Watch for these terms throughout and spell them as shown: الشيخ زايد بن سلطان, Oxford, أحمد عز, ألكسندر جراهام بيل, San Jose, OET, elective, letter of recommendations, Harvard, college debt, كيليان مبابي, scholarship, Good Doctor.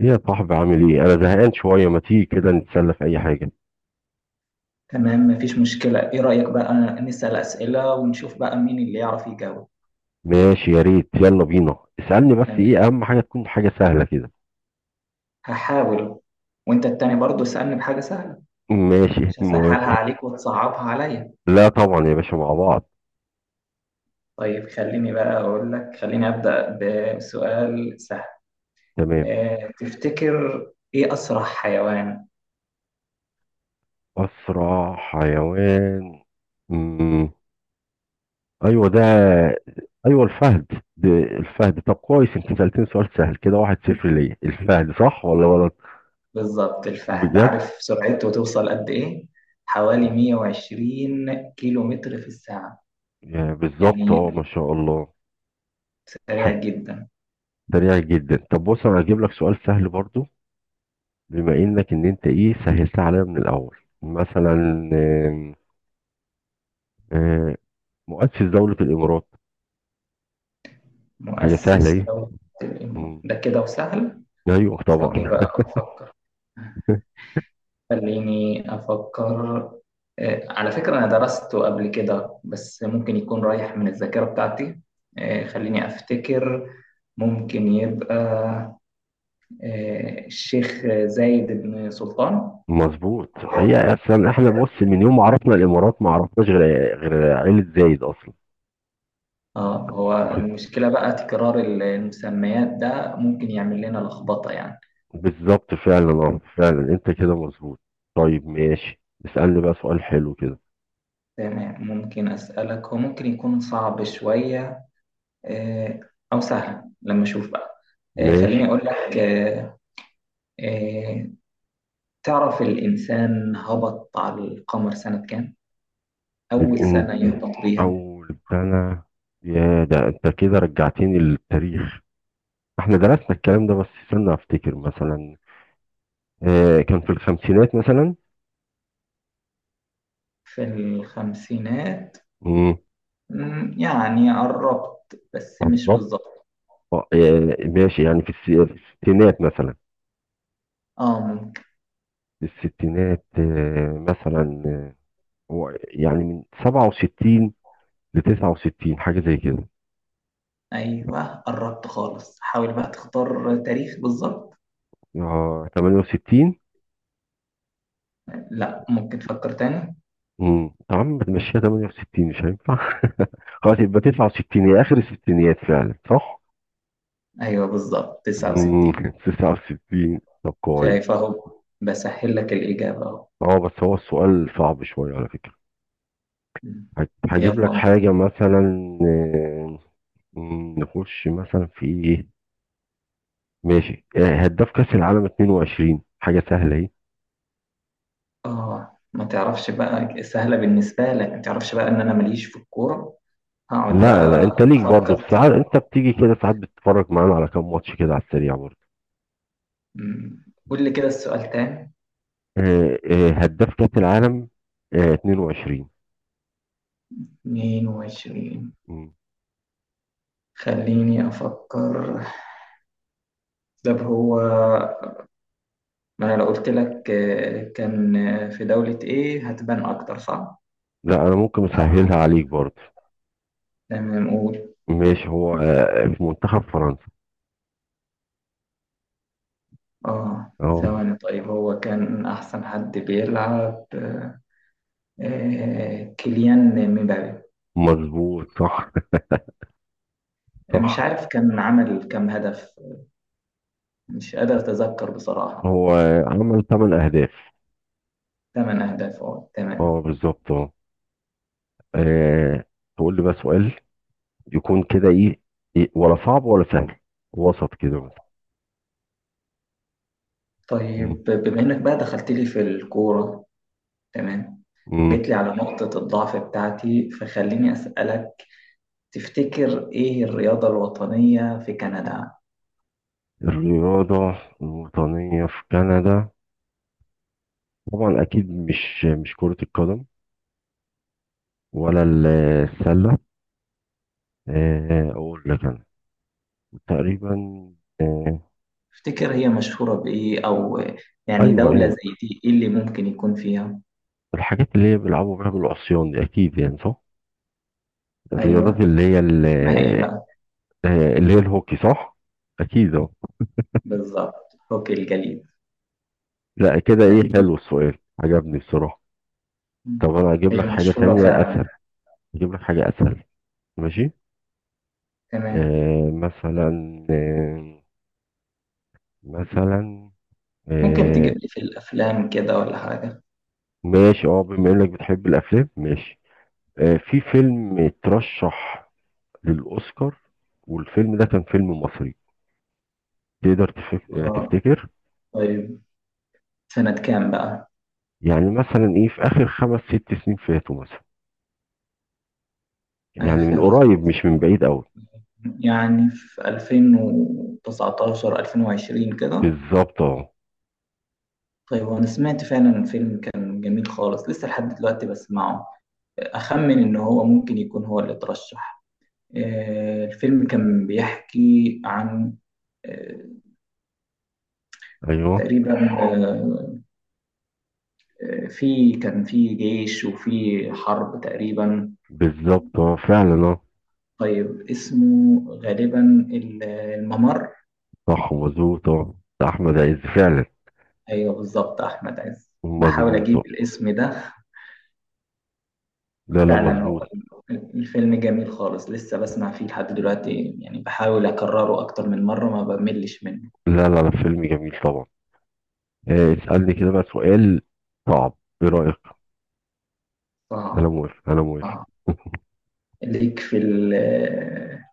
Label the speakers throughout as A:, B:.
A: ايه يا صاحبي، عامل ايه؟ انا زهقان شويه، ما تيجي كده نتسلى في اي حاجه؟
B: تمام، مفيش مشكلة. إيه رأيك بقى نسأل أسئلة ونشوف بقى مين اللي يعرف يجاوب.
A: ماشي يا ريت، يلا بينا. اسالني بس،
B: تمام،
A: ايه اهم حاجه تكون حاجه سهله كده.
B: هحاول. وأنت التاني برضو اسألني بحاجة سهلة.
A: ماشي
B: مش هسهلها
A: موافق.
B: عليك وتصعبها عليا.
A: لا طبعا يا باشا، مع بعض.
B: طيب خليني بقى أقول لك، خليني أبدأ بسؤال سهل.
A: تمام.
B: اه، تفتكر إيه أسرع حيوان؟
A: اسرع حيوان. مم. ايوه ده. ايوه الفهد. ده الفهد. طب كويس، انت سالتني سؤال سهل كده، واحد صفر ليا. الفهد، صح ولا غلط؟
B: بالظبط الفهد.
A: بجد؟
B: عارف سرعته توصل قد إيه؟ حوالي 120 كيلو متر في الساعة.
A: يعني بالظبط،
B: يعني
A: اه ما شاء الله.
B: سريع
A: ح-
B: جدا.
A: سريع جدا. طب بص، انا هجيب لك سؤال سهل برضو، بما انك انت ايه سهلتها عليا من الاول مثلا. آم، آم، مؤسس دولة الامارات. حاجة سهلة.
B: مؤسس
A: ايه؟
B: دولة الإمارات
A: مم.
B: ده كده وسهل.
A: ايوه
B: ثواني
A: طبعا.
B: بقى أفكر، خليني أفكر. على فكرة أنا درسته قبل كده، بس ممكن يكون رايح من الذاكرة بتاعتي. خليني أفتكر. ممكن يبقى الشيخ زايد بن سلطان.
A: مظبوط، هي اصلا احنا بص من يوم ما عرفنا الامارات ما عرفناش غير عيلة زايد اصلا.
B: اه، هو
A: واخد.
B: المشكلة بقى تكرار المسميات ده ممكن يعمل لنا لخبطة يعني.
A: بالظبط فعلا، اه فعلا انت كده مظبوط. طيب ماشي، اسألني بقى سؤال حلو كده.
B: تمام، ممكن أسألك؟ هو ممكن يكون صعب شوية آه، أو سهل لما أشوف بقى. آه،
A: ماشي.
B: خليني أقول لك آه، تعرف الإنسان هبط على القمر سنة كام؟ أول سنة
A: الانت.
B: يهبط بيها.
A: اول سنة. يا ده انت كده رجعتني للتاريخ. احنا درسنا الكلام ده، بس استنى افتكر مثلا. كان في الخمسينات مثلا.
B: في الخمسينات؟
A: امم.
B: مم، يعني قربت بس مش
A: بالظبط.
B: بالظبط.
A: ماشي، يعني في في الستينات مثلا.
B: اه ممكن.
A: في الستينات، مثلا. هو يعني من 67 ل 69، حاجة زي كده.
B: ايوه قربت خالص، حاول بقى تختار تاريخ بالظبط.
A: اه 68.
B: لا، ممكن تفكر تاني.
A: امم، يا عم بتمشيها، 68 مش هينفع. خلاص يبقى 69، هي اخر الستينات فعلا، صح؟
B: ايوه بالظبط
A: امم.
B: 69.
A: 69، طب كويس.
B: شايف اهو بسهل لك الإجابة اهو.
A: اه بس هو السؤال صعب شوية على فكرة.
B: مم.
A: هجيب لك
B: يلا.
A: حاجة مثلا. آه، نخش مثلا في ايه. ماشي، هداف كأس العالم 22، حاجة سهلة اهي.
B: اه، ما تعرفش بقى سهلة بالنسبة لك، ما تعرفش بقى ان انا ماليش في الكورة. هقعد
A: لا لا،
B: بقى
A: انت ليك برضه،
B: أفكر
A: بس
B: فيه.
A: ساعات انت بتيجي كده، ساعات بتتفرج معانا على كام ماتش كده على السريع برضه.
B: مم. قول لي كده السؤال تاني.
A: هداف كأس العالم، 22.
B: 22.
A: مم.
B: خليني أفكر. طب هو، ما أنا لو قلت لك كان في دولة إيه هتبان أكتر، صح؟
A: لا انا ممكن اسهلها عليك برضه.
B: تمام قول.
A: ماشي، هو في منتخب فرنسا.
B: آه
A: اه.
B: ثواني، طيب هو كان أحسن حد بيلعب كيليان مبابي.
A: مظبوط، صح.
B: مش
A: صح.
B: عارف كان عمل كام هدف، مش قادر أتذكر بصراحة.
A: هو عمل 8 اهداف.
B: ثمان أهداف، أه تمام.
A: اه بالظبط اه. آه. تقول لي بقى سؤال، يكون كده ايه، ولا صعب ولا سهل، وسط كده مثلا. مم.
B: طيب بما إنك بقى دخلت لي في الكورة، تمام،
A: مم.
B: وجيت لي على نقطة الضعف بتاعتي، فخليني أسألك، تفتكر إيه الرياضة الوطنية في كندا؟
A: الرياضة الوطنية في كندا. طبعا أكيد مش كرة القدم، ولا السلة. أقول لك أنا تقريبا. آه،
B: تفتكر هي مشهورة بإيه؟ أو يعني
A: أيوه
B: دولة
A: أيوه.
B: زي دي إيه اللي ممكن يكون فيها؟
A: الحاجات اللي هي بيلعبوا بيها بالعصيان دي أكيد، يعني صح. الرياضات
B: أيوه،
A: اللي هي
B: اسمها إيه بقى؟
A: اللي هي الهوكي، صح. أكيد أهو.
B: بالظبط، هوكي الجليد.
A: لا كده، إيه
B: يعني
A: حلو السؤال، عجبني بصراحة. طب انا اجيب لك
B: هي
A: حاجة
B: مشهورة
A: تانية
B: فعلا.
A: اسهل. اجيب لك حاجة اسهل. ماشي.
B: تمام،
A: آه مثلا آه مثلا
B: ممكن تجيب
A: آه
B: لي في الأفلام كده ولا حاجة؟
A: ماشي، اه بما انك بتحب الافلام ماشي. في فيلم اترشح للاوسكار، والفيلم ده كان فيلم مصري، تقدر
B: آه
A: تفتكر.
B: طيب، سنة كام بقى؟
A: يعني مثلا ايه، في اخر خمس ست سنين فاتوا مثلا، يعني من
B: آخر،
A: قريب مش من بعيد قوي.
B: يعني في 2019، 2020 كده.
A: بالظبط اه.
B: طيب وانا سمعت فعلا الفيلم كان جميل خالص، لسه لحد دلوقتي بسمعه. اخمن ان هو ممكن يكون هو اللي ترشح. الفيلم كان بيحكي عن آه،
A: ايوه
B: تقريبا في كان في جيش وفي حرب تقريبا.
A: بالظبط، اه فعلا اه.
B: طيب اسمه غالبا الممر.
A: صح مظبوط اه، ده احمد عز فعلا.
B: ايوه بالظبط، احمد عز، بحاول
A: مظبوط.
B: اجيب الاسم ده.
A: لا لا
B: فعلا هو
A: مظبوط.
B: الفيلم جميل خالص، لسه بسمع فيه لحد دلوقتي، يعني بحاول أكرره أكتر من مرة ما بملش منه.
A: لا لا لا، فيلم جميل طبعا. اسألني كده بقى سؤال صعب، ايه رأيك؟ انا
B: صعب.
A: موافق انا موافق.
B: صعب. ليك في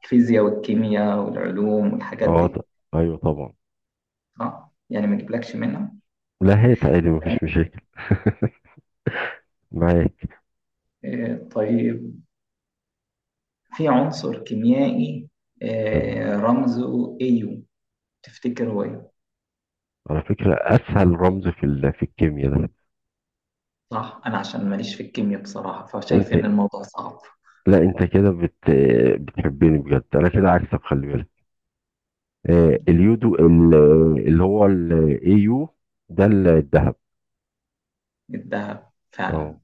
B: الفيزياء والكيمياء والعلوم والحاجات
A: اه
B: دي،
A: ايوه طبعا.
B: صح؟ يعني ما جبلكش منها.
A: لا هات عادي، مفيش مشاكل معاك.
B: طيب، في عنصر كيميائي
A: تمام.
B: رمزه AU، تفتكر هو ايه؟
A: على فكرة اسهل رمز في في الكيمياء ده.
B: صح، أنا عشان ماليش في الكيمياء بصراحة فشايف
A: انت،
B: إن الموضوع صعب.
A: لا انت كده بتحبني بجد، انا كده عكسك، خلي بالك. آه، اليودو اللي هو الاي يو، ده الذهب.
B: الذهب
A: اه.
B: فعلا؟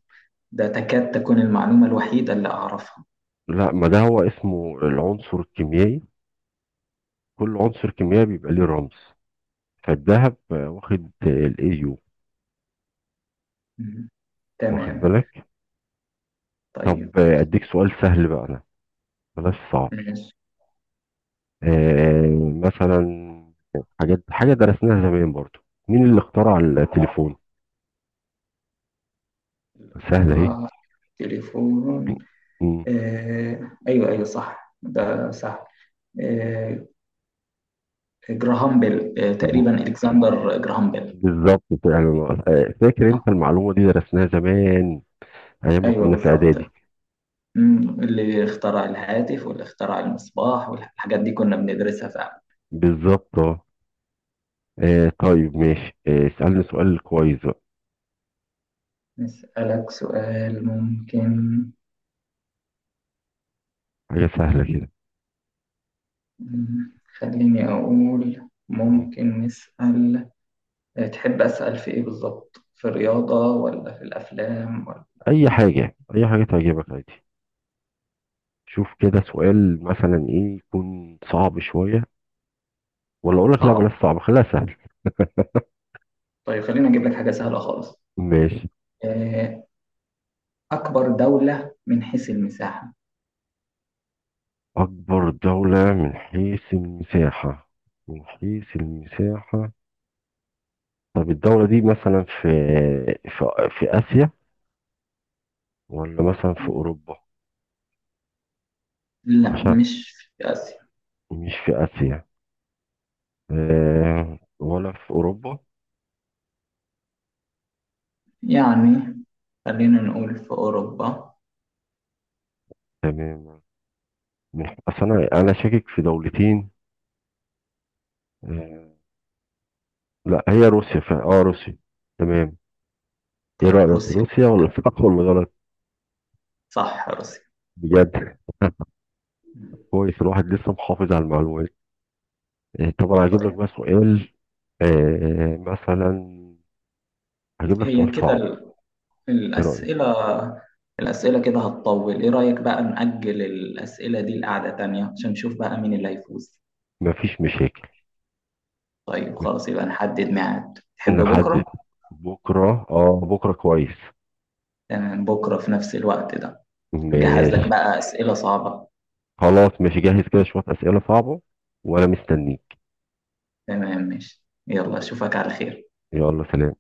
B: ده تكاد تكون المعلومة الوحيدة اللي أعرفها.
A: لا ما ده هو اسمه العنصر الكيميائي، كل عنصر كيميائي بيبقى ليه رمز، فالذهب واخد الايو.
B: مم.
A: واخد
B: تمام.
A: بالك.
B: طيب
A: طب اديك سؤال سهل بقى انا، بلاش صعب.
B: ماشي.
A: مثلا حاجات، حاجه درسناها زمان برضو. مين اللي اخترع التليفون؟ سهله اهي.
B: اختارها تليفون.
A: مم.
B: آه، أيوه أيوه، صح ده صح. آه، جراهام بيل، آه، تقريبا ألكسندر جراهام بيل.
A: بالظبط فعلا، فاكر انت
B: آه،
A: المعلومه دي درسناها زمان، ايام ما
B: أيوه
A: كنا في اعدادي.
B: بالظبط. مم. اللي اخترع الهاتف واللي اخترع المصباح والحاجات دي كنا بندرسها فعلا.
A: بالظبط اه. طيب ماشي، اسالني سؤال كويس بقى،
B: نسألك سؤال ممكن.
A: حاجه سهله كده.
B: مم، خليني أقول
A: مم.
B: ممكن نسأل، تحب أسأل في إيه بالظبط؟ في الرياضة ولا في الأفلام؟
A: اي حاجه اي حاجه تعجبك عادي. شوف كده سؤال مثلا ايه، يكون صعب شوية، ولا اقول لك لا بلاش
B: صعب.
A: صعب، خليها سهل.
B: طيب خلينا اجيب لك حاجة سهلة خالص.
A: ماشي.
B: آه، أكبر دولة من حيث المساحة.
A: اكبر دولة من حيث المساحة. من حيث المساحة. طب الدولة دي مثلا في، في، في اسيا ولا مثلا في اوروبا؟
B: لا،
A: عشان.
B: مش في آسيا.
A: مش في اسيا. آه، ولا في اوروبا؟
B: يعني خلينا نقول في أوروبا.
A: تمام. من اصل انا شاكك في دولتين. آه، لا هي روسيا اه روسيا. تمام. ايه
B: طيب
A: رأيك؟
B: روسيا.
A: روسيا ولا صح ولا غلط؟
B: صح، روسيا.
A: بجد. كويس، الواحد لسه محافظ على المعلومات. طب انا هجيب لك
B: طيب
A: بقى سؤال، مثلا هجيب لك
B: هي
A: سؤال
B: كده
A: صعب، ايه رايك؟
B: الأسئلة الأسئلة كده هتطول. إيه رأيك بقى نأجل الأسئلة دي لقعدة تانية عشان نشوف بقى مين اللي هيفوز؟
A: مفيش مشاكل.
B: طيب خلاص، يبقى نحدد ميعاد. تحب
A: نحدد.
B: بكرة؟
A: بكره، اه بكره كويس.
B: تمام، بكرة في نفس الوقت ده. هجهز لك
A: ماشي.
B: بقى أسئلة صعبة.
A: خلاص ماشي، جاهز كده شويه اسئله صعبه وانا مستنيك.
B: تمام ماشي، يلا اشوفك على خير.
A: يلا سلام